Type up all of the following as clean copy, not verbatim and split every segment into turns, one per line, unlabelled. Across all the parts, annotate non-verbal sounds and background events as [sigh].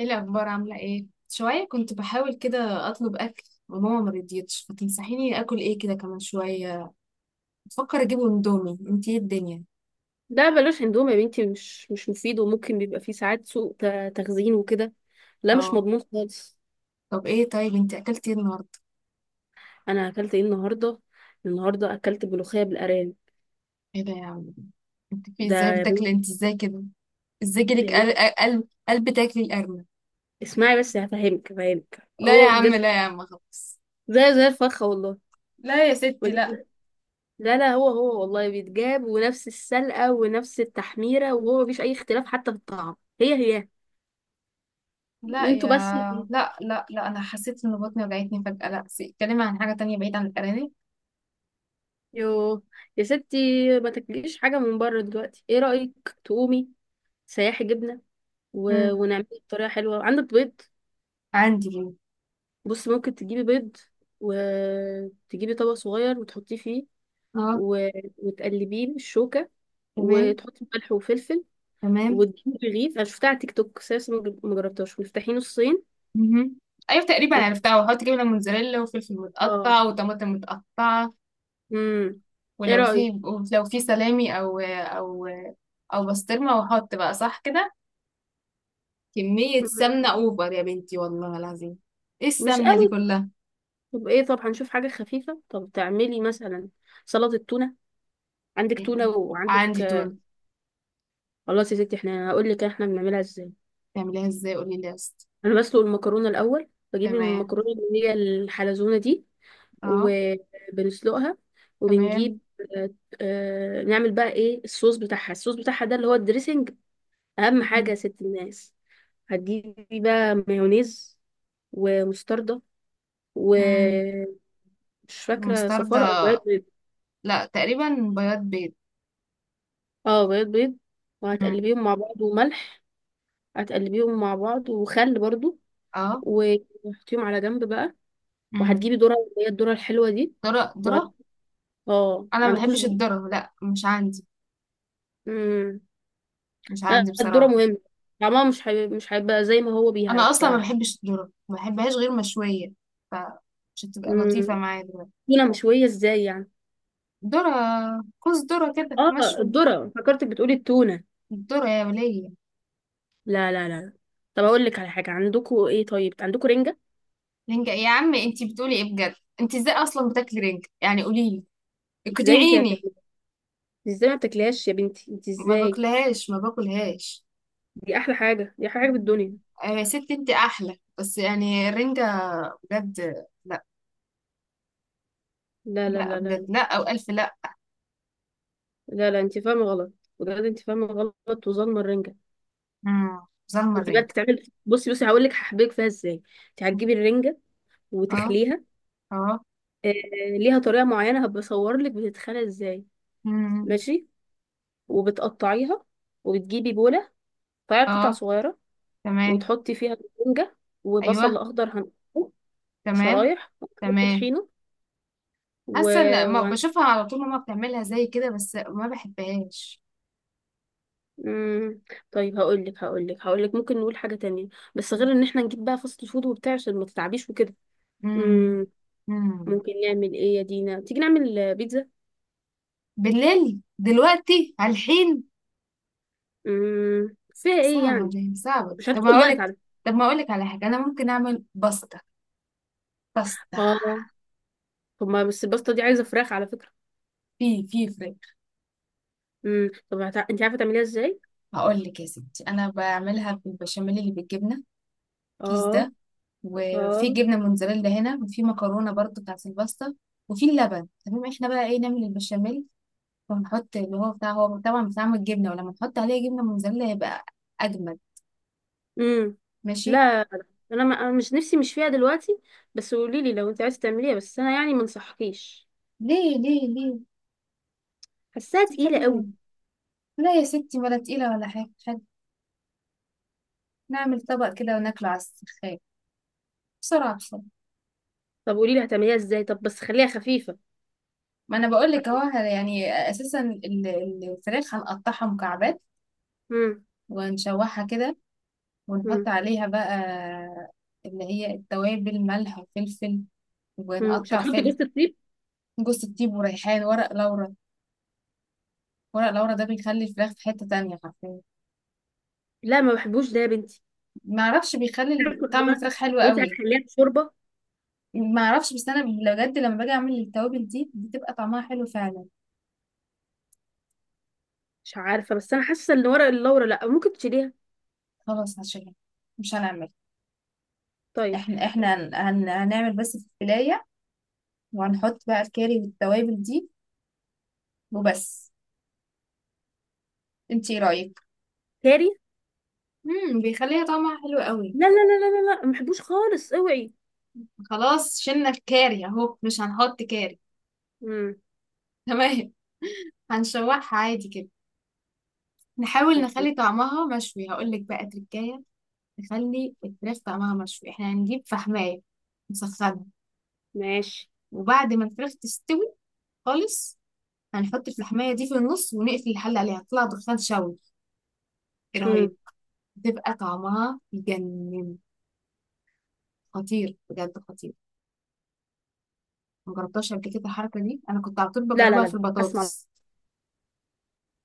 ايه الاخبار؟ عامله ايه؟ شويه كنت بحاول كده اطلب اكل وماما ما رضيتش، فتنصحيني اكل ايه كده كمان؟ شويه بفكر اجيب اندومي، انت ايه الدنيا؟
لا، بلاش اندومي يا بنتي. مش مفيد وممكن بيبقى فيه ساعات سوء تخزين وكده. لا مش
اه.
مضمون خالص.
طب ايه، طيب انت اكلتي ايه النهارده؟
انا اكلت ايه النهارده؟ النهارده اكلت ملوخيه بالارانب.
ايه ده يا عم؟ انت في
ده
ازاي
يا بنت،
بتاكلي انت ازاي كده؟ ازاي جالك
يا بنت
قلب قلب تاكلي القرمه؟
اسمعي بس. هفهمك هفهمك
لا يا
هو
عم،
بجد
لا يا عم، خلاص.
زي الفخه والله.
لا يا ستي لا.
بجد. لا لا، هو والله بيتجاب ونفس السلقه ونفس التحميره، وهو مفيش اي اختلاف حتى في الطعم. هي.
لا يا.
انتوا بس.
لا لا لا، انا حسيت ان بطني وجعتني فجاه، لا اتكلمي عن حاجه تانية بعيد عن الارانب.
يو، يا ستي ما تاكليش حاجه من بره دلوقتي. ايه رايك تقومي سياحي جبنه؟
امم.
ونعمله بطريقة حلوة. عندك بيض؟
عندي هنا.
بص، ممكن تجيبي بيض وتجيبي طبق صغير وتحطيه فيه،
اه.
و... وتقلبيه بالشوكة،
تمام.
وتحطي ملح وفلفل،
تمام.
وتجيبي رغيف. انا شفتها على تيك توك بس لسه ما جربتهاش. وتفتحيه نصين
مهم. ايوه تقريبا
وت-
عرفتها، وحط جبنه موتزاريلا وفلفل
اه
متقطع وطماطم متقطعه.
امم ايه
ولو
رأيك؟
في، لو في سلامي او، او او بسطرمه، وحط بقى صح كده. كميه
مم.
سمنه اوفر يا بنتي والله العظيم. ايه
مش
السمنه دي
قوي كده.
كلها؟
طب ايه؟ طب هنشوف حاجة خفيفة. طب تعملي مثلا سلطة تونة. عندك تونة
يعني
وعندك...
عندي تونه.
خلاص يا ستي، احنا هقول لك احنا بنعملها ازاي.
تعمليها ازاي؟ قولي لي يا اسطى.
انا بسلق المكرونه الاول. بجيب
تمام.
المكرونه اللي هي الحلزونه دي
اه.
وبنسلقها،
تمام.
وبنجيب. آه، نعمل بقى ايه الصوص بتاعها؟ الصوص بتاعها ده اللي هو الدريسنج. اهم حاجه
مم.
يا ست الناس، هتجيبي بقى مايونيز ومستردة
مم.
ومش فاكره صفار او
مستردة؟
بياض بيض.
لا تقريبا بياض بيض.
اه، بياض بيض.
مم.
وهتقلبيهم مع بعض وملح. هتقلبيهم مع بعض وخل برضو.
اه.
وتحطيهم على جنب بقى.
مم.
وهتجيبي ذره، اللي هي الذره الحلوه دي.
ذرة ذرة.
اه،
انا
ما
ما
عندكوش
بحبش
ذوق.
الذرة، لا مش عندي.
امم
مش
لا،
عندي
الذرة
بصراحة.
مهمة. طعمها مش هيبقى زي ما هو بيها
انا اصلا ما
بصراحة.
بحبش الذره، ما بحبهاش غير مشويه، فمش هتبقى
امم
لطيفه معايا دلوقتي.
تونة مشوية ازاي يعني؟
ذره؟ كوز ذره كده
اه،
مشوي.
الذرة. فكرتك بتقولي التونة.
الذره يا وليه.
لا لا لا. طب اقول لك على حاجة، عندكوا ايه؟ طيب عندكوا رنجة؟
رنجة يا عم؟ انتي بتقولي ايه بجد؟ انتي ازاي اصلا بتاكلي رنجة؟ يعني قوليلي،
ازاي انت ما
اقنعيني.
بتاكليها؟ ازاي ما بتاكليهاش يا بنتي؟ انت
ما
ازاي؟
باكلهاش ما باكلهاش.
دي احلى حاجة، دي احلى حاجة في الدنيا.
آه يا ستي انتي احلى، بس يعني الرنجة، بجد لا.
لا لا
لا
لا لا لا.
بجد، لا او الف لا.
لا, لا انت فاهمة غلط. بجد انت فاهمة غلط وظالمة الرنجة.
امم. ظلمه
انت بقى
الرنجة؟
بتتعمل. بصي بصي، هقول لك هحبك فيها ازاي. انت هتجيبي الرنجة
اه.
وتخليها،
اه.
آه، ليها طريقة معينة هبصور لك بتتخلى ازاي.
امم.
ماشي. وبتقطعيها. وبتجيبي بولة. تقطعي قطع
اه.
صغيرة،
تمام.
وتحطي فيها الرنجة. وبصل
ايوه.
أخضر هنقطعه
تمام.
شرايح، وهنحط
تمام.
طحينة. و...
حاسه ان ما
و...
بشوفها على طول، ماما بتعملها زي كده بس ما بحبهاش.
مم... طيب، هقول لك ممكن نقول حاجة تانية، بس غير ان احنا نجيب بقى فاست فود وبتاع عشان ما تتعبيش وكده.
امم.
مم...
امم.
ممكن نعمل ايه يا دينا؟ تيجي نعمل بيتزا؟
بالليل دلوقتي على الحين؟
فيها ايه
صعبه
يعني؟
دي، صعبه دي.
مش
طب
هتاخد
هقول
وقت
لك،
على فكرة.
طب ما اقول لك على حاجه، انا ممكن اعمل باستا. باستا.
اه. طب ما بس الباستا دي عايزة فراخ على فكرة.
في فرق.
طب انت عارفه تعمليها ازاي؟
هقول لك يا ستي، انا بعملها بالبشاميل اللي بالجبنه، كيس
اه
ده. وفي
اه
جبنه موتزاريلا هنا، وفي مكرونه برضو بتاعت الباستا، وفي اللبن. تمام احنا بقى ايه، نعمل البشاميل وهنحط اللي هو بتاع، هو طبعا بتعمل جبنة، ولما نحط عليه جبنة موزاريلا هيبقى أجمد.
امم لا،
ماشي.
انا ما... أنا مش نفسي، مش فيها دلوقتي. بس قولي لي لو انت عايزه تعمليها، بس انا يعني ما انصحكيش.
ليه ليه ليه؟
حاساها
دي
تقيله
حلوة.
قوي.
لا يا ستي، ولا تقيلة ولا حاجة حاجة. نعمل طبق كده وناكله على السخان، بسرعة بسرعة.
طب قولي لي هتعمليها ازاي. طب بس خليها خفيفه.
ما أنا بقول لك أهو، يعني أساسا الفراخ هنقطعها مكعبات،
امم
ونشوحها كده، ونحط
امم
عليها بقى اللي هي التوابل، ملح وفلفل،
مش
ونقطع
هتحطي
فلفل.
جوز الطيب؟
جوز الطيب وريحان، ورق لورا. ورق لورا ده بيخلي الفراخ في حتة تانية حرفيا.
لا ما بحبوش ده يا بنتي.
ما اعرفش،
[laughs]
بيخلي
عارفة. هو
طعم الفراخ حلو
هو انت
قوي.
هتخليها شوربه.
ما اعرفش بس انا بجد، لما باجي اعمل التوابل دي بتبقى طعمها حلو فعلا.
مش عارفه، بس انا حاسه ان ورق اللورا لا، ممكن تشيليها.
خلاص هشيلها، مش هنعمل.
طيب.
احنا
طب.
احنا هنعمل بس الفلايه، وهنحط بقى الكاري والتوابل دي وبس. انتي ايه رايك؟
كاري؟
امم. بيخليها طعمها حلو قوي.
لا لا لا لا لا لا، ما بحبوش خالص، اوعي.
خلاص شلنا الكاري اهو، مش هنحط كاري.
امم
[laughs] تمام. هنشوحها عادي كده، نحاول
طب.
نخلي طعمها مشوي. هقول لك بقى تركايه، نخلي الفراخ طعمها مشوي. احنا هنجيب فحماية، نسخنها،
ماشي.
وبعد ما الفراخ تستوي خالص هنحط الفحماية دي في النص، ونقفل الحل عليها، تطلع دخان شوي. ايه
مم.
رهيب، بتبقى طعمها يجنن، خطير بجد خطير. مجربتهاش قبل كده الحركة دي، انا كنت على طول
لا لا
بجربها
لا
في
لا. هسمع.
البطاطس.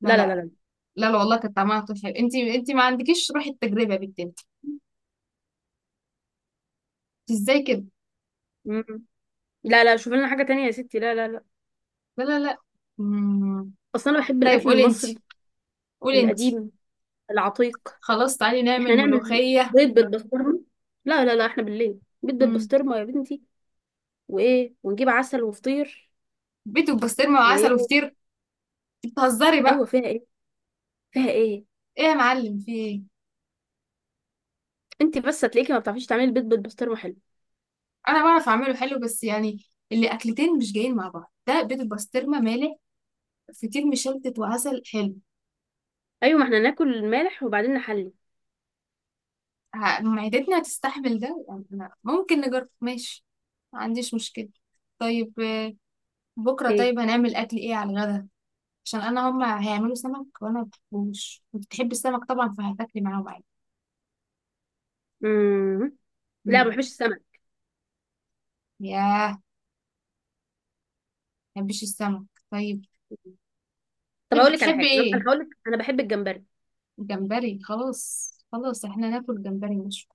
لا
لا لا لا
لا.
لا.
لا لا والله، كانت طعمها على طول حلو. انت ما عندكيش روح التجربة يا بنت انت، ازاي كده؟
مم. لا لا، شوف لنا حاجة تانية يا ستي. لا لا لا.
لا لا لا. مم.
أصلا أنا بحب
طيب
الأكل
قولي انت،
المصري
قولي انت.
القديم العتيق.
خلاص تعالي نعمل
إحنا نعمل
ملوخية.
بيض بالبسطرمة. لا لا لا، إحنا بالليل بيض
مم.
بالبسطرمة يا بنتي. وإيه، ونجيب عسل وفطير.
بيت وبسطرمه وعسل
وإيه؟
وفطير؟ انت بتهزري بقى؟
أيوة، فيها إيه؟ فيها إيه؟
ايه يا معلم، في ايه؟
أنت بس هتلاقيكي ما بتعرفيش تعملي بيض بالبسطرمة حلو.
انا بعرف اعمله حلو بس يعني، اللي اكلتين مش جايين مع بعض، ده بيت البسطرمه مالح، فطير مشلتت وعسل حلو.
أيوة، ما إحنا ناكل مالح وبعدين نحلي.
معدتنا هتستحمل ده يعني؟ أنا ممكن نجرب، ماشي، ما عنديش مشكله. طيب بكره
إيه؟
طيب هنعمل اكل ايه على الغدا؟ عشان انا هما هيعملوا سمك، وانا ما بحبوش. بتحب السمك طبعا، فهتاكلي معاهم عادي.
مم. لا، ما
مم.
بحبش السمك.
ياه، ما بحبش السمك. طيب
طب
بتحب
أقول لك على
بتحب
حاجة، أنا
ايه؟
هقول لك أنا بحب الجمبري.
جمبري، خلاص خلاص احنا ناكل جمبري، مش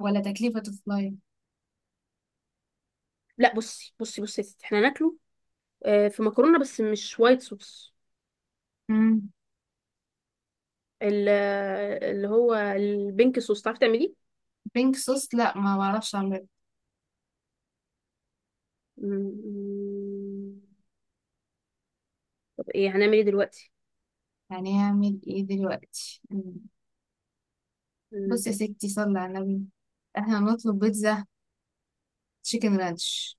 ولا تكلفة فلاي.
لا، بصي بصي بصي يا ستي إحنا ناكله في مكرونه، بس مش وايت صوص.
مم.
ال- اللي هو البينك صوص، تعرفي تعمليه؟
بينك صوص؟ لا ما بعرفش اعمل.
مم. طب ايه، هنعمل ايه دلوقتي؟
يعني هعمل ايه دلوقتي؟ مم. بص
مم.
يا ستي، صلي على النبي، احنا نطلب بيتزا تشيكن رانش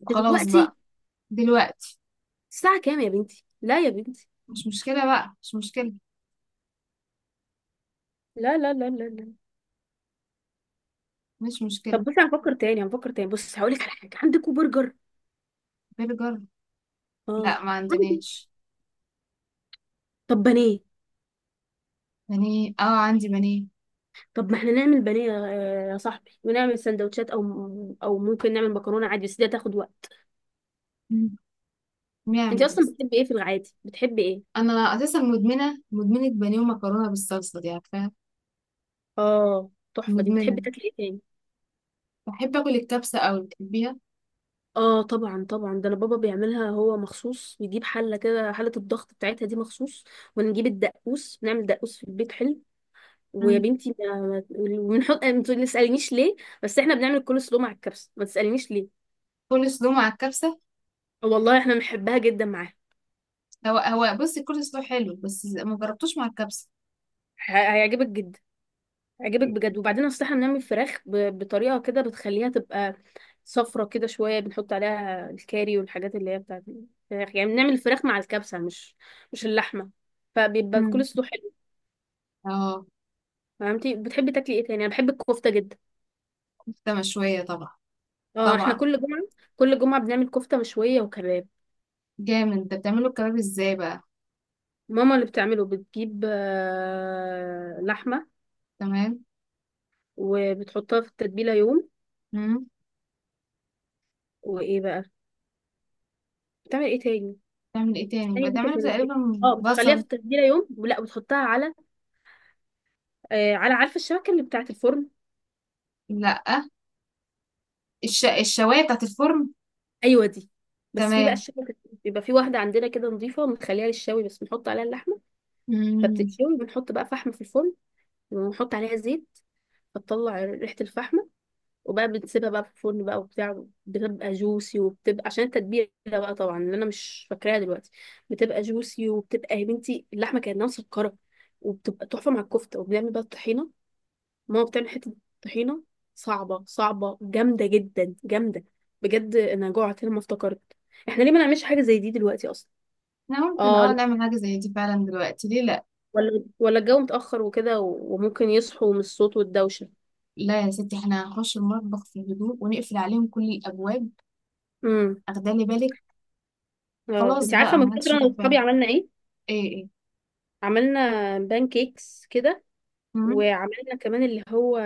وخلاص
دلوقتي؟
بقى. دلوقتي.
الساعه كام يا بنتي؟ لا يا بنتي.
مش مشكلة بقى، مش مشكلة.
لا لا لا لا لا.
مش مشكلة.
طب بصي، هنفكر تاني هنفكر تاني. بص هقول لك على حاجه، عندكوا برجر؟
برجر؟
اه
لا ما
عندي.
عندناش.
طب بانيه؟
بانيه؟ اه عندي بانيه.
طب ما احنا نعمل بانيه يا صاحبي ونعمل سندوتشات، او ممكن نعمل مكرونه عادي، بس دي هتاخد وقت.
مم.
انت
نعمل
اصلا
بس،
بتحبي ايه في العادي؟ بتحبي ايه؟
انا اساسا مدمنة مدمنة بانيه ومكرونة بالصلصة، دي عارفاها.
اه، تحفه دي. بتحبي
مدمنة.
تاكلي ايه تاني؟
بحب اكل الكبسه قوي، بتحبيها.
اه طبعا طبعا، ده انا بابا بيعملها هو مخصوص. بيجيب حله كده، حله الضغط بتاعتها دي مخصوص. ونجيب الدقوس، نعمل دقوس في البيت حلو. ويا
مم.
بنتي وبنحط، ما تسالنيش ليه، بس احنا بنعمل الكول سلو مع الكبسه. ما تسالنيش ليه،
كل سلو مع الكبسه؟
والله احنا بنحبها جدا معاها.
هو هو، بصي كل سلو حلو، بس ما جربتوش مع الكبسه.
هيعجبك جدا. هيعجبك بجد. وبعدين اصل احنا بنعمل فراخ بطريقه كده، بتخليها تبقى صفرة كده شويه. بنحط عليها الكاري والحاجات اللي هي بتاعت الفراخ يعني. بنعمل الفراخ مع الكبسه، مش اللحمه. فبيبقى
مم.
الكول سلو حلو.
اه.
فهمتي؟ بتحبي تاكلي ايه تاني؟ انا بحب الكفته جدا.
كفته مشويه طبعا.
اه، احنا
طبعا.
كل جمعه، كل جمعه بنعمل كفته مشويه وكباب.
جامد، انت بتعمله الكباب ازاي بقى؟
ماما اللي بتعمله بتجيب لحمه،
تمام.
وبتحطها في التتبيله يوم.
مم.
وايه بقى؟ بتعمل ايه تاني؟
بتعمل ايه تاني،
استني بس
بتعمله
عشان افتكر.
تقريبا.
اه، بتخليها في
بصل.
التتبيله يوم، ولا بتحطها على... على، عارفه الشبكه اللي بتاعه الفرن؟
لا. الشوايه بتاعت الفرن.
ايوه دي. بس في بقى
تمام.
الشبكه، بيبقى في واحده عندنا كده نظيفه بنخليها للشوي بس، بنحط عليها اللحمه
مم.
فبتتشوي. بنحط بقى فحم في الفرن، ونحط عليها زيت، فتطلع ريحه الفحم. وبقى بتسيبها بقى في الفرن بقى وبتاع، بتبقى جوسي وبتبقى عشان التتبيله بقى، طبعا، اللي انا مش فاكراها دلوقتي. بتبقى جوسي وبتبقى يا بنتي اللحمه كانها مسكره. وبتبقى تحفه مع الكفته. وبنعمل بقى الطحينه. ماما بتعمل حته طحينه صعبه، صعبه، جامده جدا، جامده. بجد انا جوعت لما افتكرت. احنا ليه ما نعملش حاجه زي دي دلوقتي اصلا؟
احنا ممكن،
اه لا،
نعمل حاجه زي دي فعلا دلوقتي، ليه لا.
ولا الجو متاخر وكده، وممكن يصحوا من الصوت والدوشه.
لا يا ستي، احنا هنخش المطبخ في هدوء، ونقفل عليهم كل الابواب.
امم
اخدالي بالك.
اه،
خلاص
انت عارفه
بقى،
من
ما حدش
فتره انا
ياخد باله.
واصحابي عملنا ايه؟
ايه ايه؟
عملنا بان كيكس كده.
مم.
وعملنا كمان اللي هو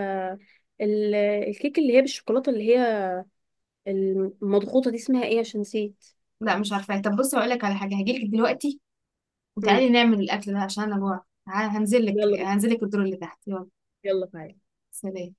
الكيك اللي هي بالشوكولاته، اللي هي المضغوطه دي، اسمها ايه عشان نسيت.
لا مش عارفة. طب بصي هقول لك على حاجة، هجيلك دلوقتي وتعالي
امم
نعمل الأكل ده، عشان أنا جوعت. هنزلك
يلا بينا.
هنزلك الدور اللي تحت، يلا.
يلا تعالى.
سلام.